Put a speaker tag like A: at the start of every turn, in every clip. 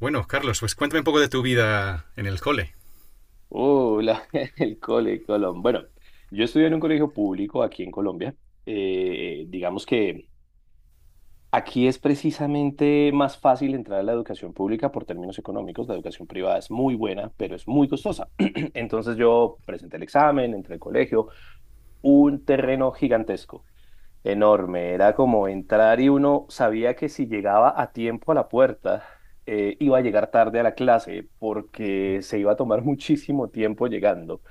A: Bueno, Carlos, pues cuéntame un poco de tu vida en el cole.
B: Uh, la- el cole Colón. Bueno, yo estudié en un colegio público aquí en Colombia. Digamos que aquí es precisamente más fácil entrar a la educación pública por términos económicos. La educación privada es muy buena, pero es muy costosa. Entonces yo presenté el examen, entré al colegio, un terreno gigantesco, enorme. Era como entrar y uno sabía que si llegaba a tiempo a la puerta, iba a llegar tarde a la clase porque se iba a tomar muchísimo tiempo llegando.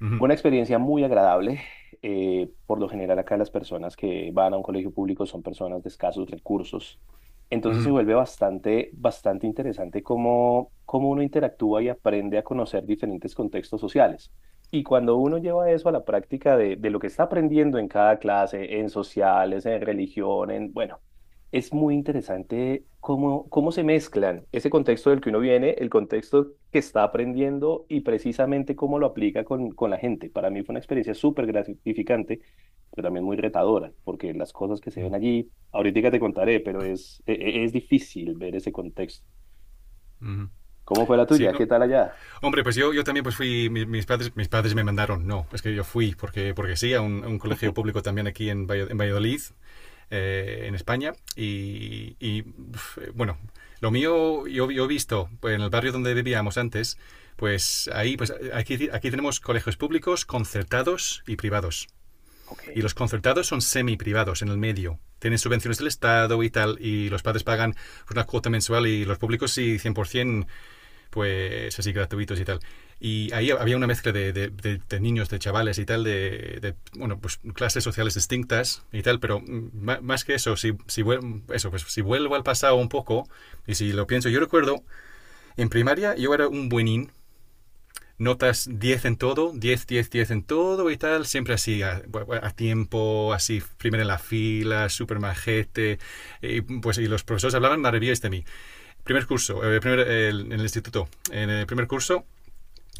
A: Ujú,
B: Fue una experiencia muy agradable. Por lo general acá las personas que van a un colegio público son personas de escasos recursos. Entonces se
A: ujú.
B: vuelve bastante, bastante interesante cómo uno interactúa y aprende a conocer diferentes contextos sociales. Y cuando uno lleva eso a la práctica de lo que está aprendiendo en cada clase, en sociales, en religión, bueno, es muy interesante cómo se mezclan ese contexto del que uno viene, el contexto que está aprendiendo y precisamente cómo lo aplica con la gente. Para mí fue una experiencia súper gratificante, pero también muy retadora, porque las cosas que se ven allí, ahorita te contaré, pero es difícil ver ese contexto.
A: Ujú.
B: ¿Cómo fue la
A: Sí,
B: tuya? ¿Qué
A: no.
B: tal allá?
A: Hombre, pues yo también pues fui, mis padres me mandaron, no, es que yo fui porque, sí, a un colegio público también aquí en, en Valladolid, en España, y, uf, bueno, lo mío yo he visto pues, en el barrio donde vivíamos antes, pues ahí, pues aquí tenemos colegios públicos, concertados y privados. Y
B: Ok.
A: los concertados son semi-privados en el medio. Tienen subvenciones del Estado y tal, y los padres pagan pues, una cuota mensual y los públicos sí, 100%, pues así gratuitos y tal. Y ahí había una mezcla de niños, de chavales y tal, de bueno, pues clases sociales distintas y tal, pero más que eso, si, si, eso, pues, si vuelvo al pasado un poco y si lo pienso, yo recuerdo, en primaria yo era un buenín, notas 10 en todo, 10 10 10 en todo y tal, siempre así, a tiempo, así, primero en la fila, súper majete. Y, pues, y los profesores hablaban maravillas de mí. Primer curso, en el instituto, en el primer curso,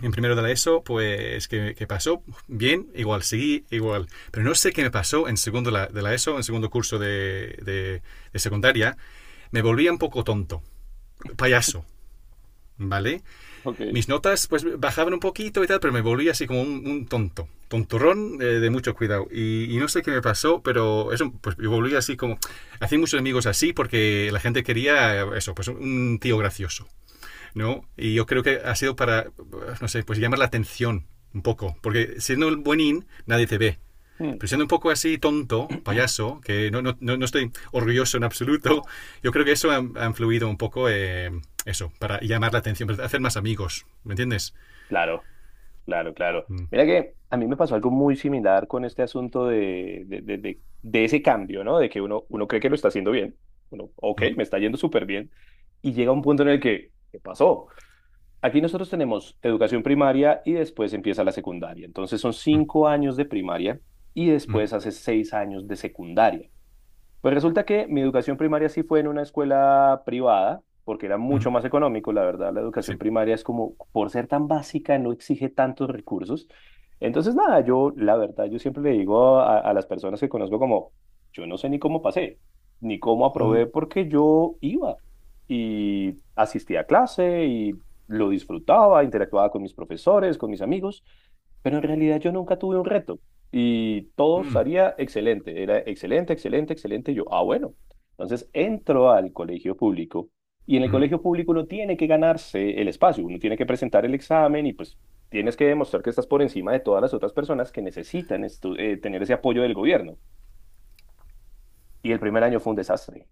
A: en primero de la ESO, pues, ¿qué pasó? Bien, igual, seguí, igual. Pero no sé qué me pasó en segundo de la ESO, en segundo curso de secundaria. Me volvía un poco tonto, payaso, ¿vale?
B: Ok.
A: Mis notas pues bajaban un poquito y tal, pero me volví así como un tonto, tonturrón, de mucho cuidado. Y, no sé qué me pasó, pero eso, pues me volví así como... Hacía muchos amigos así porque la gente quería, eso, pues un tío gracioso, ¿no? Y yo creo que ha sido para, no sé, pues llamar la atención un poco, porque siendo el buenín nadie te ve.
B: Mm,
A: Pero siendo un poco así tonto, payaso, que no, no, no, no estoy orgulloso en absoluto, yo creo que eso ha influido un poco, eso, para llamar la atención, para hacer más amigos, ¿me entiendes?
B: claro, claro, claro.
A: Mm,
B: Mira que a mí me pasó algo muy similar con este asunto de ese cambio, ¿no? De que uno cree que lo está haciendo bien. Uno, ok,
A: mm,
B: me está yendo súper bien. Y llega un punto en el que, ¿qué pasó? Aquí nosotros tenemos educación primaria y después empieza la secundaria. Entonces son
A: mm,
B: 5 años de primaria y
A: mm,
B: después hace 6 años de secundaria. Pues resulta que mi educación primaria sí fue en una escuela privada, porque era
A: mm,
B: mucho más económico, la verdad, la educación
A: sí.
B: primaria es como, por ser tan básica, no exige tantos recursos. Entonces, nada, yo, la verdad, yo siempre le digo a las personas que conozco como, yo no sé ni cómo pasé, ni cómo
A: Mm,
B: aprobé, porque yo iba y asistía a clase y lo disfrutaba, interactuaba con mis profesores, con mis amigos, pero en realidad yo nunca tuve un reto. Y todo
A: mm,
B: salía excelente, era excelente, excelente, excelente. Y yo, ah, bueno. Entonces entro al colegio público y en el
A: mm,
B: colegio público uno tiene que ganarse el espacio, uno tiene que presentar el examen y pues tienes que demostrar que estás por encima de todas las otras personas que necesitan tener ese apoyo del gobierno. Y el primer año fue un desastre.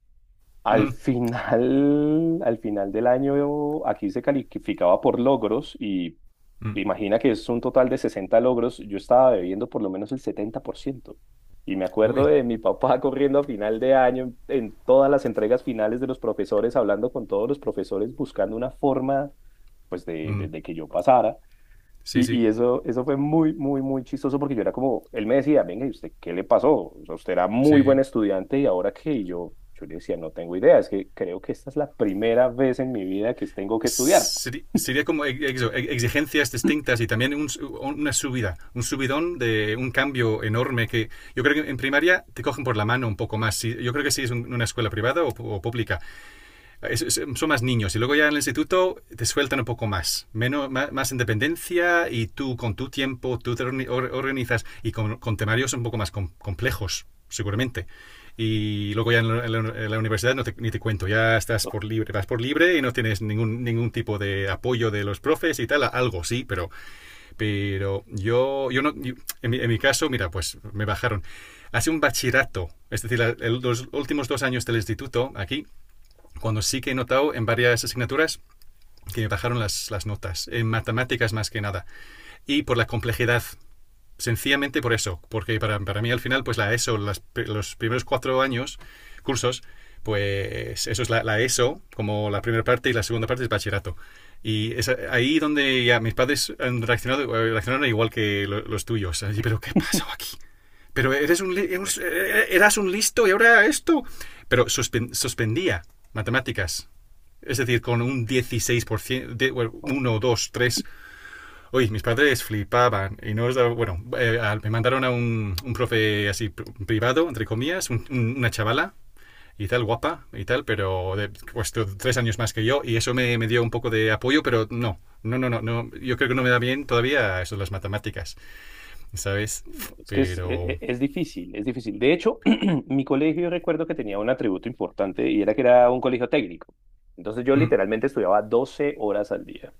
A: mm,
B: Al final del año, aquí se calificaba por logros y
A: mm.
B: imagina que es un total de 60 logros, yo estaba bebiendo por lo menos el 70%. Y me acuerdo
A: Uy.
B: de mi papá corriendo a final de año en todas las entregas finales de los profesores, hablando con todos los profesores, buscando una forma pues de, de-
A: Mm,
B: de que yo pasara.
A: sí,
B: Y,
A: sí,
B: y eso fue muy, muy, muy chistoso porque yo era como, él me decía, venga, ¿y usted qué le pasó? O sea, usted era muy
A: sí,
B: buen
A: sí.
B: estudiante y ¿ahora qué? Y yo le decía, no tengo idea, es que creo que esta es la primera vez en mi vida que tengo que estudiar.
A: Sería como exigencias distintas y también una subida, un subidón de un cambio enorme que yo creo que en primaria te cogen por la mano un poco más. Yo creo que si es una escuela privada o pública, son más niños y luego ya en el instituto te sueltan un poco más, menos, más independencia y tú con tu tiempo, tú te organizas y con temarios un poco más, complejos, seguramente. Y luego ya en la universidad no te, ni te cuento, ya estás por libre, vas por libre y no tienes ningún tipo de apoyo de los profes y tal, algo sí, pero yo no, en mi caso, mira, pues me bajaron. Hace un bachillerato, es decir, los últimos 2 años del instituto aquí, cuando sí que he notado en varias asignaturas que me bajaron las notas, en matemáticas más que nada, y por la complejidad. Sencillamente por eso, porque para mí al final, pues la ESO, los primeros 4 años, cursos, pues eso es la ESO, como la primera parte y la segunda parte es bachillerato. Y es ahí donde ya mis padres han reaccionado, reaccionaron igual que los tuyos. Así, pero ¿qué pasó aquí? Pero eres eras un listo y ahora esto. Pero suspendía matemáticas, es decir, con un 16%, de, bueno, uno, dos, tres. Oye, mis padres flipaban. Y no os daba- bueno, me mandaron a un profe así privado, entre comillas, una chavala y tal, guapa y tal, pero de, pues 3 años más que yo. Y eso me dio un poco de apoyo, pero no. No, no, no, no. Yo creo que no me da bien todavía eso de las matemáticas, ¿sabes?
B: Es que es, e- e-
A: Pero.
B: es difícil, es difícil. De hecho, mi colegio yo recuerdo que tenía un atributo importante y era que era un colegio técnico. Entonces yo
A: Mm,
B: literalmente estudiaba 12 horas al día.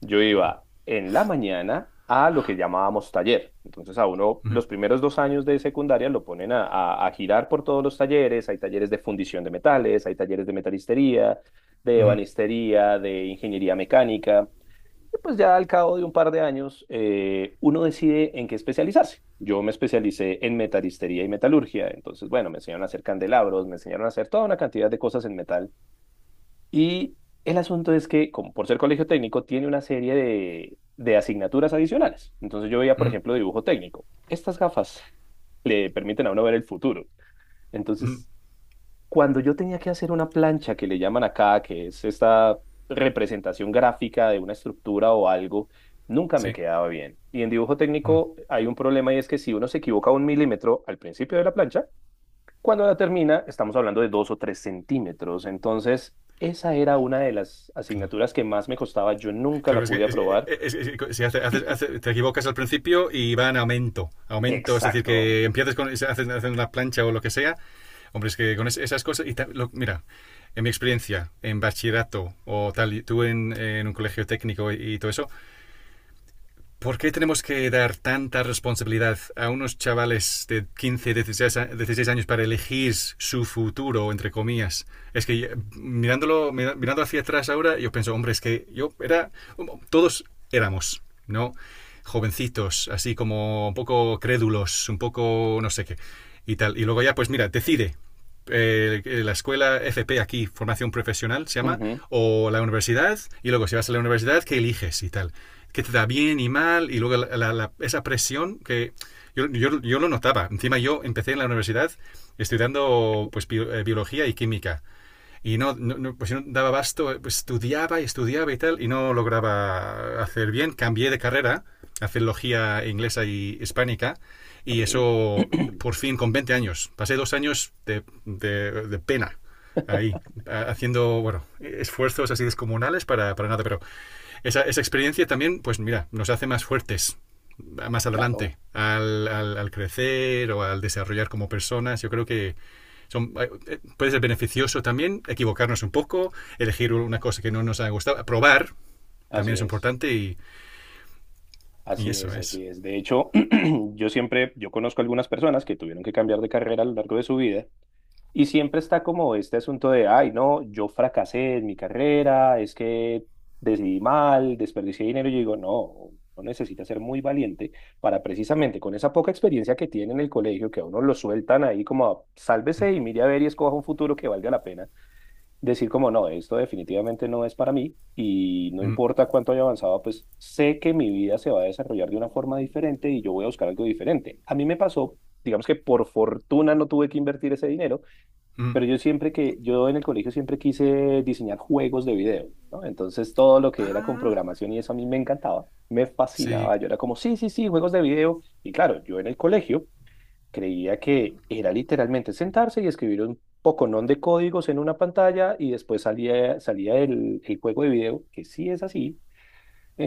B: Yo
A: wow.
B: iba en la mañana a lo que llamábamos taller. Entonces a uno
A: Mm,
B: los primeros 2 años de secundaria lo ponen a girar por todos los talleres. Hay talleres de fundición de metales, hay talleres de metalistería, de
A: mm,
B: ebanistería, de ingeniería mecánica. Y pues ya al cabo de un par de años, uno decide en qué especializarse. Yo me especialicé en metalistería y metalurgia, entonces, bueno, me enseñaron a hacer candelabros, me enseñaron a hacer toda una cantidad de cosas en metal. Y el asunto es que, como por ser colegio técnico, tiene una serie de asignaturas adicionales. Entonces yo veía, por
A: mm,
B: ejemplo, dibujo técnico. Estas gafas le permiten a uno ver el futuro.
A: mm,
B: Entonces, cuando yo tenía que hacer una plancha que le llaman acá, que es esta representación gráfica de una estructura o algo, nunca me
A: sí,
B: quedaba bien. Y en dibujo
A: mm,
B: técnico hay un problema y es que si uno se equivoca un milímetro al principio de la plancha, cuando la termina estamos hablando de 2 o 3 centímetros. Entonces, esa era una de las
A: claro.
B: asignaturas que más me costaba. Yo nunca la
A: Claro, es que,
B: pude aprobar.
A: es- si hace- hace- hace- te equivocas al principio y va en aumento. Aumento, es decir,
B: Exacto.
A: que empiezas con, se hacen una plancha o lo que sea. Hombre, es que con esas cosas. Mira, en mi experiencia, en bachillerato o tal, y tú en un colegio técnico y todo eso, ¿por qué tenemos que dar tanta responsabilidad a unos chavales de 15, 16 años para elegir su futuro, entre comillas? Es que, mirando hacia atrás ahora, yo pienso, hombre, es que yo era, todos éramos, ¿no? Jovencitos, así como un poco crédulos, un poco no sé qué, y tal. Y luego ya, pues mira, decide, la escuela FP aquí, formación profesional se llama,
B: Ujú.
A: o la universidad, y luego si vas a la universidad, ¿qué eliges y tal? ¿Qué te da bien y mal? Y luego esa presión que yo lo notaba. Encima yo empecé en la universidad estudiando pues, biología y química y no, no, no, pues si no daba basto, pues estudiaba y estudiaba y tal, y no lograba hacer bien. Cambié de carrera a filología inglesa y hispánica, y
B: Ok.
A: eso por fin con 20 años. Pasé dos años de pena ahí, haciendo, bueno, esfuerzos así descomunales para nada, pero experiencia también, pues mira, nos hace más fuertes más adelante
B: Claro,
A: al crecer o al desarrollar como personas. Yo creo que son, eh, puede ser beneficioso también equivocarnos un poco, elegir una cosa que no nos ha gustado, probar
B: así
A: también es
B: es.
A: importante y
B: Así
A: eso
B: es,
A: es.
B: así es. De hecho, yo siempre, yo conozco algunas personas que tuvieron que cambiar de carrera a lo largo de su vida y siempre está como este asunto de ay, no, yo fracasé en mi carrera, es que decidí mal, desperdicié dinero. Y yo digo, no, uno necesita ser muy valiente para precisamente con esa poca experiencia que tiene en el colegio, que a uno lo sueltan ahí como
A: Mm,
B: sálvese y mire a ver y escoja un futuro que valga la pena, decir como no, esto definitivamente no es para mí y no
A: mm.
B: importa cuánto haya avanzado, pues sé que mi vida se va a desarrollar de una forma diferente y yo voy a buscar algo diferente. A mí me pasó, digamos que por fortuna no tuve que invertir ese dinero,
A: Mm.
B: pero yo siempre que, yo en el colegio siempre quise diseñar juegos de video, ¿no? Entonces todo lo que era con
A: Ah,
B: programación y eso a mí me encantaba, me
A: sí.
B: fascinaba, yo era como, sí, sí, sí, juegos de video. Y claro, yo en el colegio creía que era literalmente sentarse y escribir un poconón de códigos en una pantalla y después salía, salía el juego de video, que sí es así,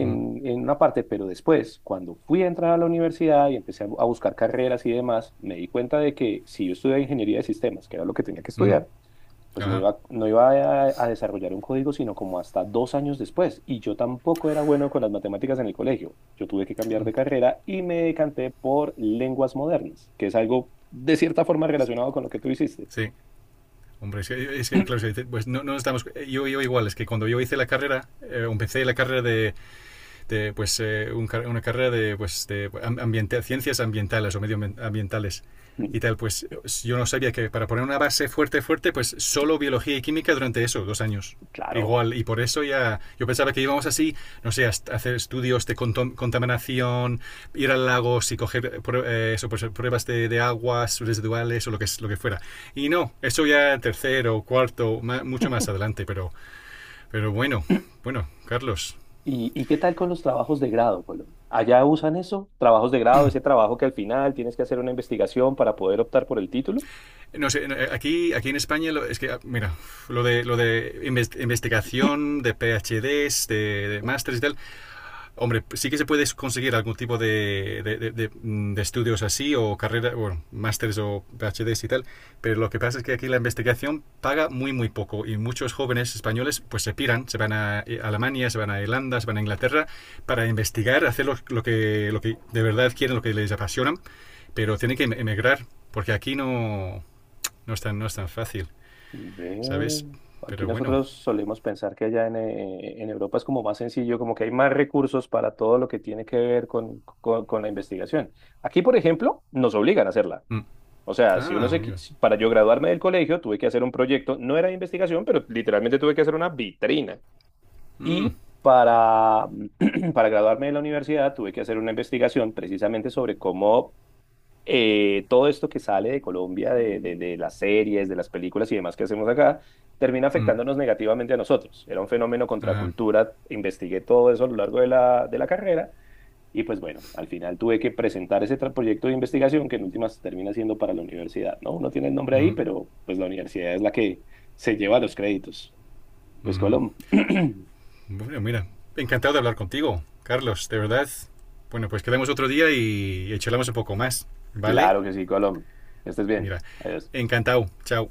A: Mm,
B: en una parte, pero después, cuando fui a entrar a la universidad y empecé a buscar carreras y demás, me di cuenta de que si yo estudiaba ingeniería de sistemas, que era lo que tenía que
A: mm,
B: estudiar, pues no
A: ajá,
B: iba, no iba a desarrollar un código, sino como hasta 2 años después. Y yo tampoco era bueno con las matemáticas en el colegio. Yo tuve que cambiar de carrera y me decanté por lenguas modernas, que es algo de cierta forma relacionado con lo que tú hiciste.
A: sí. Hombre, es que, claro, es que, pues no, no estamos. Yo igual, es que cuando yo hice la carrera, empecé la carrera de, una carrera de, pues, de ambiente, ciencias ambientales o medioambientales y
B: Mm,
A: tal, pues yo no sabía que para poner una base fuerte, pues solo biología y química durante eso, 2 años.
B: claro.
A: Igual, y por eso ya, yo pensaba que íbamos así, no sé, a hacer estudios de contaminación, ir al lago y coger, eso, pues, pruebas aguas residuales o lo que fuera. Y no, eso ya tercero, cuarto, mucho más adelante, pero, bueno, bueno, Carlos.
B: Y qué tal con los trabajos de grado, Colón? ¿Allá usan eso? ¿Trabajos de grado, ese trabajo que al final tienes que hacer una investigación para poder optar por el título?
A: No sé, aquí en España, es que, ah, mira, lo de investigación, de PhDs, de másteres y tal, hombre, sí que se puede conseguir algún tipo de estudios así, o carrera, bueno, másteres o PhDs y tal, pero lo que pasa es que aquí la investigación paga muy, muy poco, y muchos jóvenes españoles, pues se piran, se van a, Alemania, se van a Irlanda, se van a Inglaterra, para investigar, hacer lo que de verdad quieren, lo que les apasiona, pero tienen que emigrar, porque aquí no, no es tan, fácil,
B: Ve,
A: ¿sabes?
B: aquí
A: Pero bueno.
B: nosotros solemos pensar que allá en Europa es como más sencillo, como que hay más recursos para todo lo que tiene que ver con la investigación. Aquí, por ejemplo, nos obligan a hacerla.
A: Mm.
B: O sea, si uno
A: Ah,
B: se,
A: mira.
B: para yo graduarme del colegio tuve que hacer un proyecto, no era de investigación, pero literalmente tuve que hacer una vitrina.
A: Mm,
B: Y para, para graduarme de la universidad tuve que hacer una investigación precisamente sobre cómo todo esto que sale de Colombia, de las series, de las películas y demás que hacemos acá, termina
A: mm,
B: afectándonos negativamente a nosotros. Era un fenómeno
A: ajá,
B: contracultura, investigué todo eso a lo largo de la carrera y pues bueno, al final tuve que presentar ese proyecto de investigación que en últimas termina siendo para la universidad, ¿no? Uno tiene el nombre ahí,
A: mm,
B: pero pues la universidad es la que se lleva los créditos. Pues
A: mm.
B: Colom.
A: Bueno, mira. Encantado de hablar contigo, Carlos, de verdad. Bueno, pues quedamos otro día y charlamos un poco más, ¿vale?
B: Claro que sí, Colom. Que estés bien.
A: Mira.
B: Adiós.
A: Encantado. Chao.